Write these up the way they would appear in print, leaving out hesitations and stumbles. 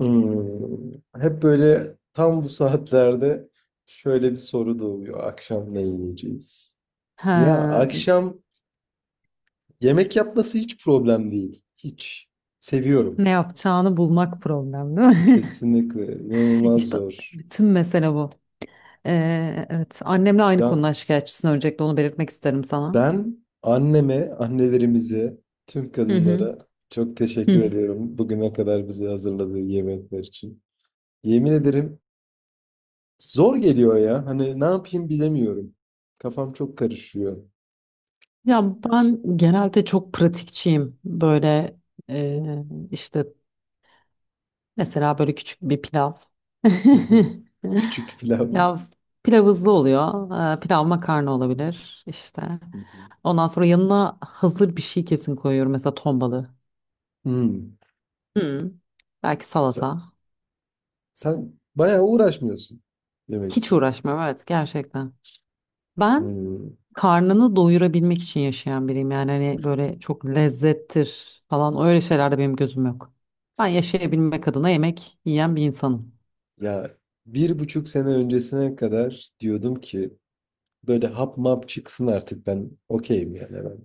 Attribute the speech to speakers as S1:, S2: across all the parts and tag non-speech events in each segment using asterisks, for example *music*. S1: Hımm. Hep böyle tam bu saatlerde şöyle bir soru doğuyor. Akşam ne yiyeceğiz? Ya
S2: Ha,
S1: akşam yemek yapması hiç problem değil. Hiç. Seviyorum.
S2: ne yapacağını bulmak problem değil mi?
S1: Kesinlikle.
S2: *laughs*
S1: İnanılmaz
S2: İşte
S1: zor.
S2: bütün mesele bu. Evet, annemle aynı
S1: Ya
S2: konuda şikayetçisin. Öncelikle onu belirtmek isterim sana.
S1: ben anneme, annelerimize, tüm
S2: Hı hı.
S1: kadınlara çok teşekkür
S2: Hı.
S1: ediyorum. Bugüne kadar bize hazırladığı yemekler için. Yemin ederim zor geliyor ya. Hani ne yapayım bilemiyorum. Kafam çok karışıyor.
S2: Ya ben genelde çok pratikçiyim. Böyle e, işte mesela böyle küçük bir pilav. *laughs*
S1: Hı hı. Küçük pilav mı?
S2: Pilav, pilav hızlı oluyor. Pilav makarna olabilir işte.
S1: Hı hı.
S2: Ondan sonra yanına hazır bir şey kesin koyuyorum. Mesela ton balığı.
S1: Hmm.
S2: Hı. Belki
S1: Sen,
S2: salata.
S1: sen bayağı uğraşmıyorsun demek
S2: Hiç
S1: için.
S2: uğraşmıyorum, evet, gerçekten. Ben
S1: Hmm.
S2: karnını doyurabilmek için yaşayan biriyim. Yani hani böyle çok lezzettir falan öyle şeylerde benim gözüm yok. Ben yaşayabilmek adına yemek yiyen bir insanım.
S1: Ya 1,5 sene öncesine kadar diyordum ki böyle hap map çıksın artık ben okeyim yani ben.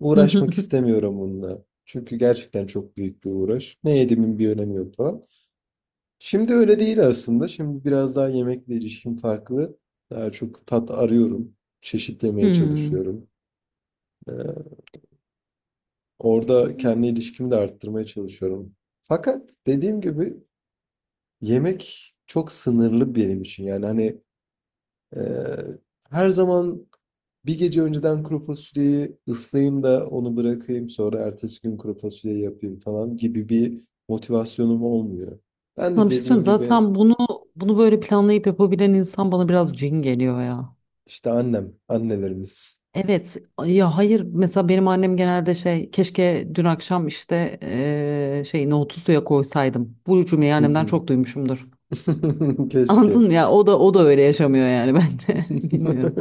S1: Uğraşmak
S2: *laughs*
S1: istemiyorum bununla. Çünkü gerçekten çok büyük bir uğraş. Ne yediğimin bir önemi yok falan. Şimdi öyle değil aslında. Şimdi biraz daha yemekle ilişkim farklı. Daha çok tat arıyorum. Çeşitlemeye
S2: Hmm.
S1: çalışıyorum. Ee, Orada
S2: Hmm.
S1: kendi ilişkimi de arttırmaya çalışıyorum. Fakat dediğim gibi yemek çok sınırlı benim için. Yani hani e, her zaman bir gece önceden kuru fasulyeyi ıslayayım da onu bırakayım sonra ertesi gün kuru fasulye yapayım falan gibi bir motivasyonum olmuyor. Ben de
S2: Sana bir şey söyleyeyim mi?
S1: dediğin gibi
S2: Zaten bunu böyle planlayıp yapabilen insan bana biraz cin geliyor ya.
S1: işte annem, annelerimiz.
S2: Evet ya, hayır, mesela benim annem genelde şey, keşke dün akşam işte şey nohutu suya koysaydım. Bu cümleyi annemden çok
S1: *laughs*
S2: duymuşumdur. Anladın
S1: Keşke.
S2: mı ya? O da öyle yaşamıyor yani *laughs* bence. Bilmiyorum.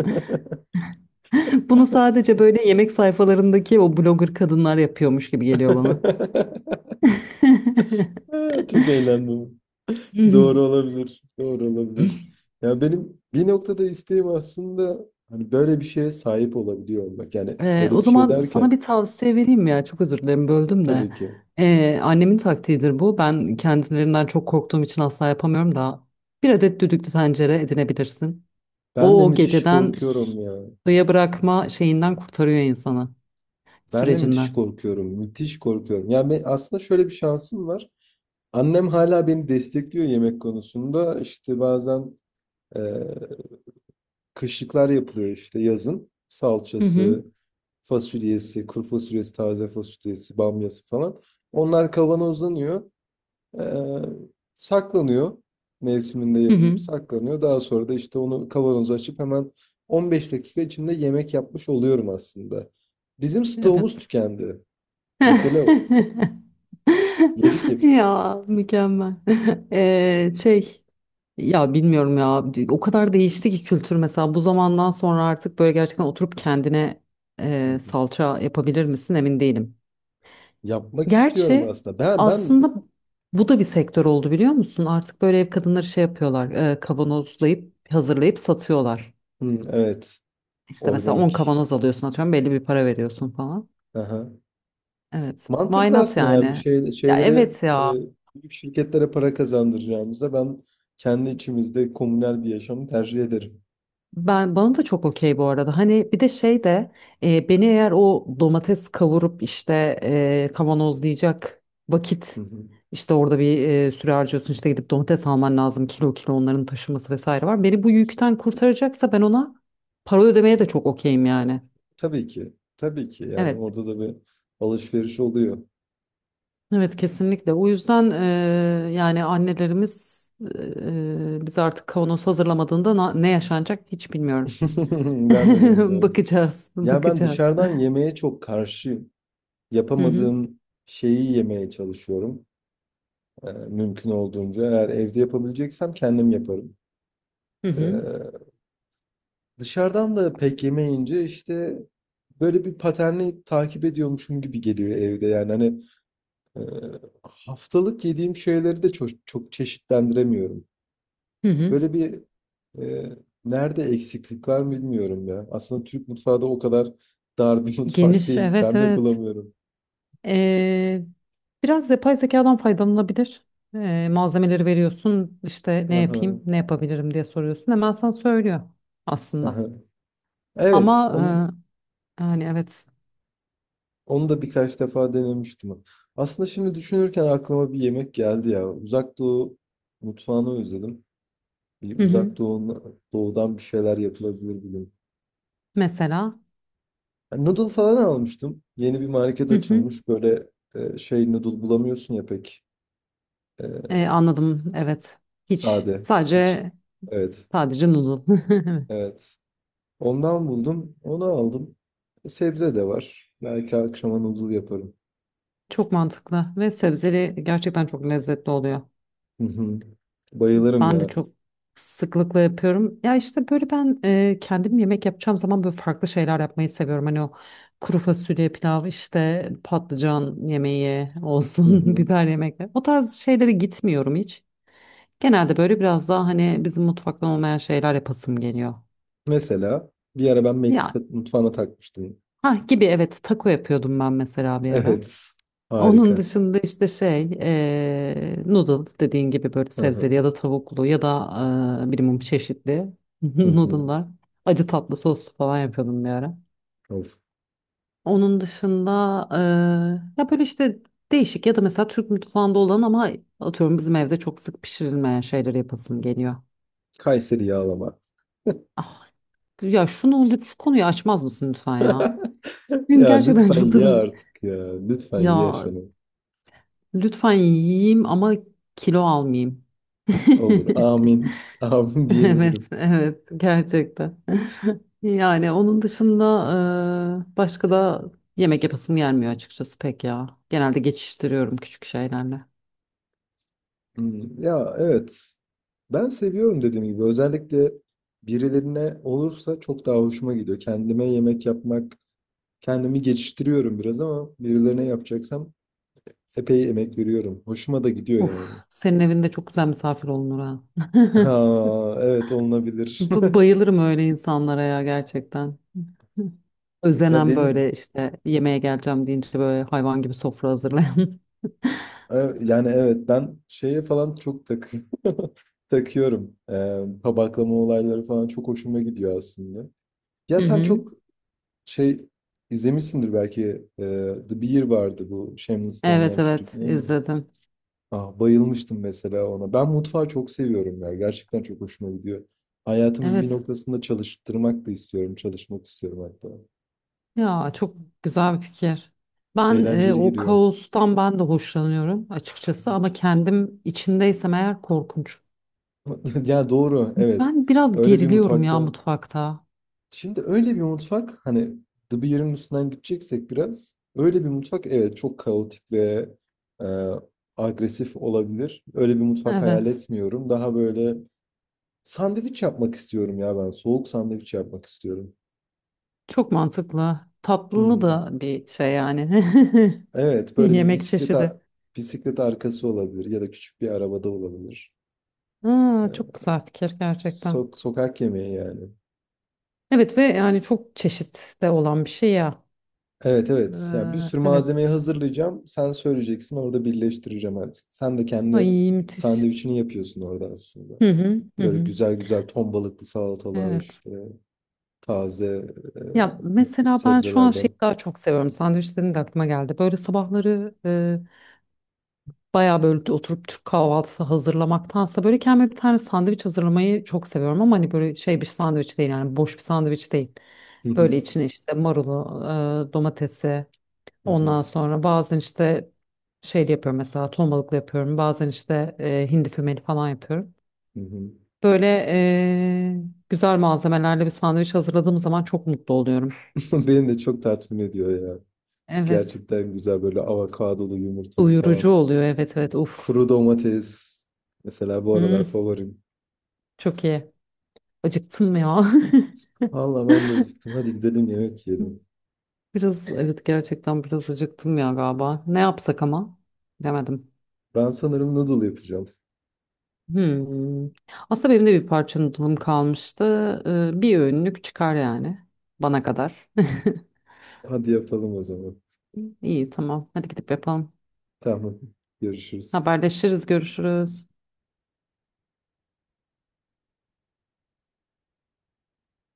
S2: Bunu
S1: *laughs*
S2: sadece böyle yemek sayfalarındaki o blogger kadınlar yapıyormuş gibi geliyor bana. *laughs*
S1: Çok eğlendim. Doğru olabilir. Doğru olabilir. Ya benim bir noktada isteğim aslında hani böyle bir şeye sahip olabiliyor olmak. Yani böyle
S2: O
S1: bir şey
S2: zaman sana
S1: derken
S2: bir tavsiye vereyim ya. Çok özür dilerim, böldüm de.
S1: tabii ki.
S2: Annemin taktiğidir bu. Ben kendilerinden çok korktuğum için asla yapamıyorum da. Bir adet düdüklü tencere edinebilirsin.
S1: Ben de
S2: O
S1: müthiş
S2: geceden
S1: korkuyorum ya.
S2: suya bırakma şeyinden kurtarıyor insanı,
S1: Ben de müthiş
S2: sürecinden.
S1: korkuyorum. Müthiş korkuyorum. Yani aslında şöyle bir şansım var. Annem hala beni destekliyor yemek konusunda. İşte bazen eee, kışlıklar yapılıyor işte yazın.
S2: Hı hı.
S1: Salçası, fasulyesi, kuru fasulyesi, taze fasulyesi, bamyası falan. Onlar kavanozlanıyor. Ee, saklanıyor. Mevsiminde
S2: Hı
S1: yapılıp
S2: hı.
S1: saklanıyor. Daha sonra da işte onu kavanoza açıp hemen 15 dakika içinde yemek yapmış oluyorum aslında. Bizim stoğumuz
S2: Evet.
S1: tükendi. Mesele o.
S2: *laughs*
S1: Yedik hepsini.
S2: Ya, mükemmel. Şey, ya bilmiyorum ya, o kadar değişti ki kültür, mesela bu zamandan sonra artık böyle gerçekten oturup kendine
S1: Hı hı.
S2: salça yapabilir misin, emin değilim.
S1: Yapmak istiyorum
S2: Gerçi
S1: aslında. Ben ben
S2: aslında bu da bir sektör oldu, biliyor musun? Artık böyle ev kadınları şey yapıyorlar, kavanozlayıp hazırlayıp satıyorlar.
S1: Hı, evet
S2: İşte mesela 10
S1: organik.
S2: kavanoz alıyorsun, atıyorum belli bir para veriyorsun falan.
S1: Aha.
S2: Evet. Why
S1: Mantıklı
S2: not
S1: aslında yani bir
S2: yani?
S1: şey
S2: Ya,
S1: şeylere
S2: evet ya.
S1: büyük şirketlere para kazandıracağımıza ben kendi içimizde komünel bir yaşamı tercih ederim.
S2: Ben, bana da çok okey bu arada. Hani bir de şey de, beni eğer o domates kavurup işte kavanozlayacak
S1: Hı
S2: vakit,
S1: hı.
S2: işte orada bir süre harcıyorsun, işte gidip domates alman lazım, kilo kilo onların taşıması vesaire var. Beni bu yükten kurtaracaksa ben ona para ödemeye de çok okeyim yani.
S1: Tabii ki. Tabii ki. Yani
S2: Evet,
S1: orada da bir alışveriş oluyor.
S2: evet, kesinlikle. O yüzden yani annelerimiz, biz artık kavanoz hazırlamadığında na- ne yaşanacak hiç bilmiyorum.
S1: *laughs* Ben de
S2: *laughs*
S1: bilmiyorum.
S2: Bakacağız,
S1: Ya ben
S2: bakacağız.
S1: dışarıdan yemeğe çok karşıyım.
S2: Hı hı.
S1: Yapamadığım şeyi yemeye çalışıyorum. Mümkün olduğunca. Eğer evde yapabileceksem kendim yaparım.
S2: Hı hı,
S1: Ee, dışarıdan da pek yemeyince işte böyle bir paterni takip ediyormuşum gibi geliyor evde. Yani hani e, haftalık yediğim şeyleri de çok, çok çeşitlendiremiyorum.
S2: hı hı.
S1: Böyle bir e, nerede eksiklik var bilmiyorum ya. Aslında Türk mutfağı da o kadar dar bir *laughs* mutfak
S2: Geniş,
S1: değil. Ben
S2: evet,
S1: mi
S2: evet.
S1: bulamıyorum?
S2: Ee, Biraz yapay zekadan faydalanabilir. Malzemeleri veriyorsun, işte ne
S1: Aha,
S2: yapayım, ne yapabilirim diye soruyorsun. Hemen sana söylüyor aslında.
S1: aha. Evet,
S2: Ama
S1: onu,
S2: yani evet.
S1: onu da birkaç defa denemiştim. Aslında şimdi düşünürken aklıma bir yemek geldi ya. Uzak Doğu mutfağını özledim. Bir
S2: Hı hı.
S1: Uzak Doğu, Doğu'dan bir şeyler yapılabilir bugün.
S2: Mesela.
S1: Yani noodle falan almıştım. Yeni bir market
S2: Hı hı.
S1: açılmış. Böyle şey noodle bulamıyorsun ya pek. E,
S2: Anladım, evet. Hiç.
S1: sade. Hiç.
S2: Sadece
S1: Evet.
S2: sadece noodle. *laughs*
S1: Evet. Ondan buldum. Onu aldım. Sebze de var. Belki akşama noodle yaparım.
S2: Çok mantıklı ve sebzeli gerçekten çok lezzetli oluyor.
S1: Hı hı. Bayılırım
S2: Ben de
S1: ya.
S2: çok sıklıkla yapıyorum. Ya işte böyle ben kendim yemek yapacağım zaman böyle farklı şeyler yapmayı seviyorum. Hani o kuru fasulye pilav işte patlıcan yemeği
S1: Hı
S2: olsun *laughs*
S1: hı.
S2: biber yemekleri. O tarz şeylere gitmiyorum hiç. Genelde böyle biraz daha hani bizim mutfaktan olmayan şeyler yapasım geliyor.
S1: Mesela bir ara ben Meksika
S2: Ya
S1: mutfağına takmıştım.
S2: ha gibi, evet, taco yapıyordum ben mesela bir ara.
S1: Evet.
S2: Onun
S1: Harika.
S2: dışında işte noodle dediğin gibi böyle
S1: Hı
S2: sebzeli
S1: hı.
S2: ya da tavuklu ya da bilmem çeşitli *laughs*
S1: Hı hı.
S2: noodle'lar. Acı tatlı soslu falan yapıyordum bir ara.
S1: Of.
S2: Onun dışında ya böyle işte değişik ya da mesela Türk mutfağında olan ama atıyorum bizim evde çok sık pişirilmeyen şeyleri yapasım geliyor.
S1: Kayseri yağlama.
S2: Ah, ya şunu lütfen, şu konuyu açmaz mısın lütfen ya?
S1: *laughs*
S2: Benim
S1: Ya
S2: gerçekten *laughs* çok
S1: lütfen ye
S2: tadım.
S1: artık ya. Lütfen ye
S2: Ya
S1: şunu.
S2: lütfen yiyeyim ama kilo almayayım.
S1: Olur.
S2: *laughs*
S1: Amin. Amin
S2: *laughs* Evet,
S1: diyebilirim.
S2: evet, gerçekten. *laughs* Yani onun dışında başka da yemek yapasım gelmiyor açıkçası pek ya. Genelde geçiştiriyorum küçük şeylerle.
S1: Hı. Ya evet. Ben seviyorum dediğim gibi. Özellikle birilerine olursa çok daha hoşuma gidiyor. Kendime yemek yapmak, kendimi geçiştiriyorum biraz ama birilerine yapacaksam epey emek veriyorum. Hoşuma da gidiyor yani. *laughs*
S2: Uf, senin evinde çok güzel misafir olunur ha. *laughs*
S1: Ha, evet olunabilir.
S2: Bu-
S1: *laughs*
S2: Bayılırım öyle insanlara ya, gerçekten. *laughs*
S1: Ya
S2: Özlenen böyle işte, yemeğe geleceğim deyince böyle hayvan gibi sofra hazırlayan. *laughs*
S1: yani evet ben şeye falan çok *laughs* takıyorum. Tabaklama olayları falan çok hoşuma gidiyor aslında. Ya
S2: Hı
S1: sen
S2: hı.
S1: çok şey izlemişsindir belki e, The Bear vardı bu Shameless'te
S2: Evet,
S1: oynayan çocuk
S2: evet,
S1: değil mi?
S2: izledim.
S1: Ah, bayılmıştım mesela ona. Ben mutfağı çok seviyorum ya. Gerçekten çok hoşuma gidiyor. Hayatımın bir
S2: Evet
S1: noktasında çalıştırmak da istiyorum. Çalışmak istiyorum hatta.
S2: ya, çok güzel bir fikir. Ben
S1: Eğlenceli
S2: o
S1: geliyor.
S2: kaostan ben de hoşlanıyorum açıkçası ama kendim içindeysem eğer korkunç.
S1: *laughs* Ya doğru, evet.
S2: Ben biraz
S1: Öyle bir
S2: geriliyorum ya
S1: mutfakta.
S2: mutfakta.
S1: Şimdi öyle bir mutfak hani The Bear'ın üstünden gideceksek biraz. Öyle bir mutfak evet çok kaotik ve e, agresif olabilir. Öyle bir mutfak hayal
S2: Evet,
S1: etmiyorum. Daha böyle sandviç yapmak istiyorum ya ben. Soğuk sandviç yapmak istiyorum.
S2: çok mantıklı.
S1: Hı
S2: Tatlılı
S1: hı.
S2: da bir şey yani.
S1: Evet,
S2: *laughs*
S1: böyle bir
S2: Yemek çeşidi.
S1: bisiklet arkası olabilir ya da küçük bir arabada olabilir.
S2: Aa, çok
S1: Ee,
S2: güzel fikir gerçekten.
S1: sokak yemeği yani.
S2: Evet ve yani çok çeşit de olan bir şey ya.
S1: Evet evet. Yani bir
S2: Ee,
S1: sürü
S2: evet.
S1: malzemeyi hazırlayacağım. Sen söyleyeceksin, orada birleştireceğim artık. Sen de kendi
S2: Ay, müthiş.
S1: sandviçini yapıyorsun orada aslında.
S2: Hı hı hı
S1: Böyle
S2: hı.
S1: güzel güzel ton balıklı salatalar
S2: Evet.
S1: işte taze e,
S2: Ya mesela ben şu an şeyi
S1: sebzelerden.
S2: daha çok seviyorum. Sandviçlerin de aklıma geldi. Böyle sabahları bayağı böyle oturup Türk kahvaltısı hazırlamaktansa böyle kendime bir tane sandviç hazırlamayı çok seviyorum. Ama hani böyle şey bir sandviç değil, yani boş bir sandviç değil.
S1: *laughs* Hı hı,
S2: Böyle içine işte marulu, domatesi.
S1: hı hı,
S2: Ondan sonra bazen işte şey de yapıyorum, mesela ton balıklı yapıyorum. Bazen işte hindi fümeli falan yapıyorum.
S1: hı hı.
S2: Böyle güzel malzemelerle bir sandviç hazırladığım zaman çok mutlu oluyorum.
S1: *laughs* Beni de çok tatmin ediyor ya.
S2: Evet.
S1: Gerçekten güzel böyle avokadolu yumurtalı
S2: Doyurucu
S1: falan.
S2: oluyor. Evet, evet.
S1: Kuru
S2: Uf.
S1: domates. Mesela bu aralar
S2: Hmm,
S1: favorim.
S2: çok iyi. Acıktım ya.
S1: Valla ben de acıktım. Hadi gidelim yemek yiyelim.
S2: *laughs* Biraz, evet, gerçekten biraz acıktım ya galiba. Ne yapsak ama? Demedim.
S1: Ben sanırım noodle yapacağım.
S2: Hmm. Aslında benim de bir parça noodle'ım kalmıştı. Bir öğünlük çıkar yani bana kadar. *laughs*
S1: Hadi yapalım o zaman.
S2: İyi, tamam. Hadi gidip yapalım.
S1: Tamam. Görüşürüz.
S2: Haberleşiriz, görüşürüz.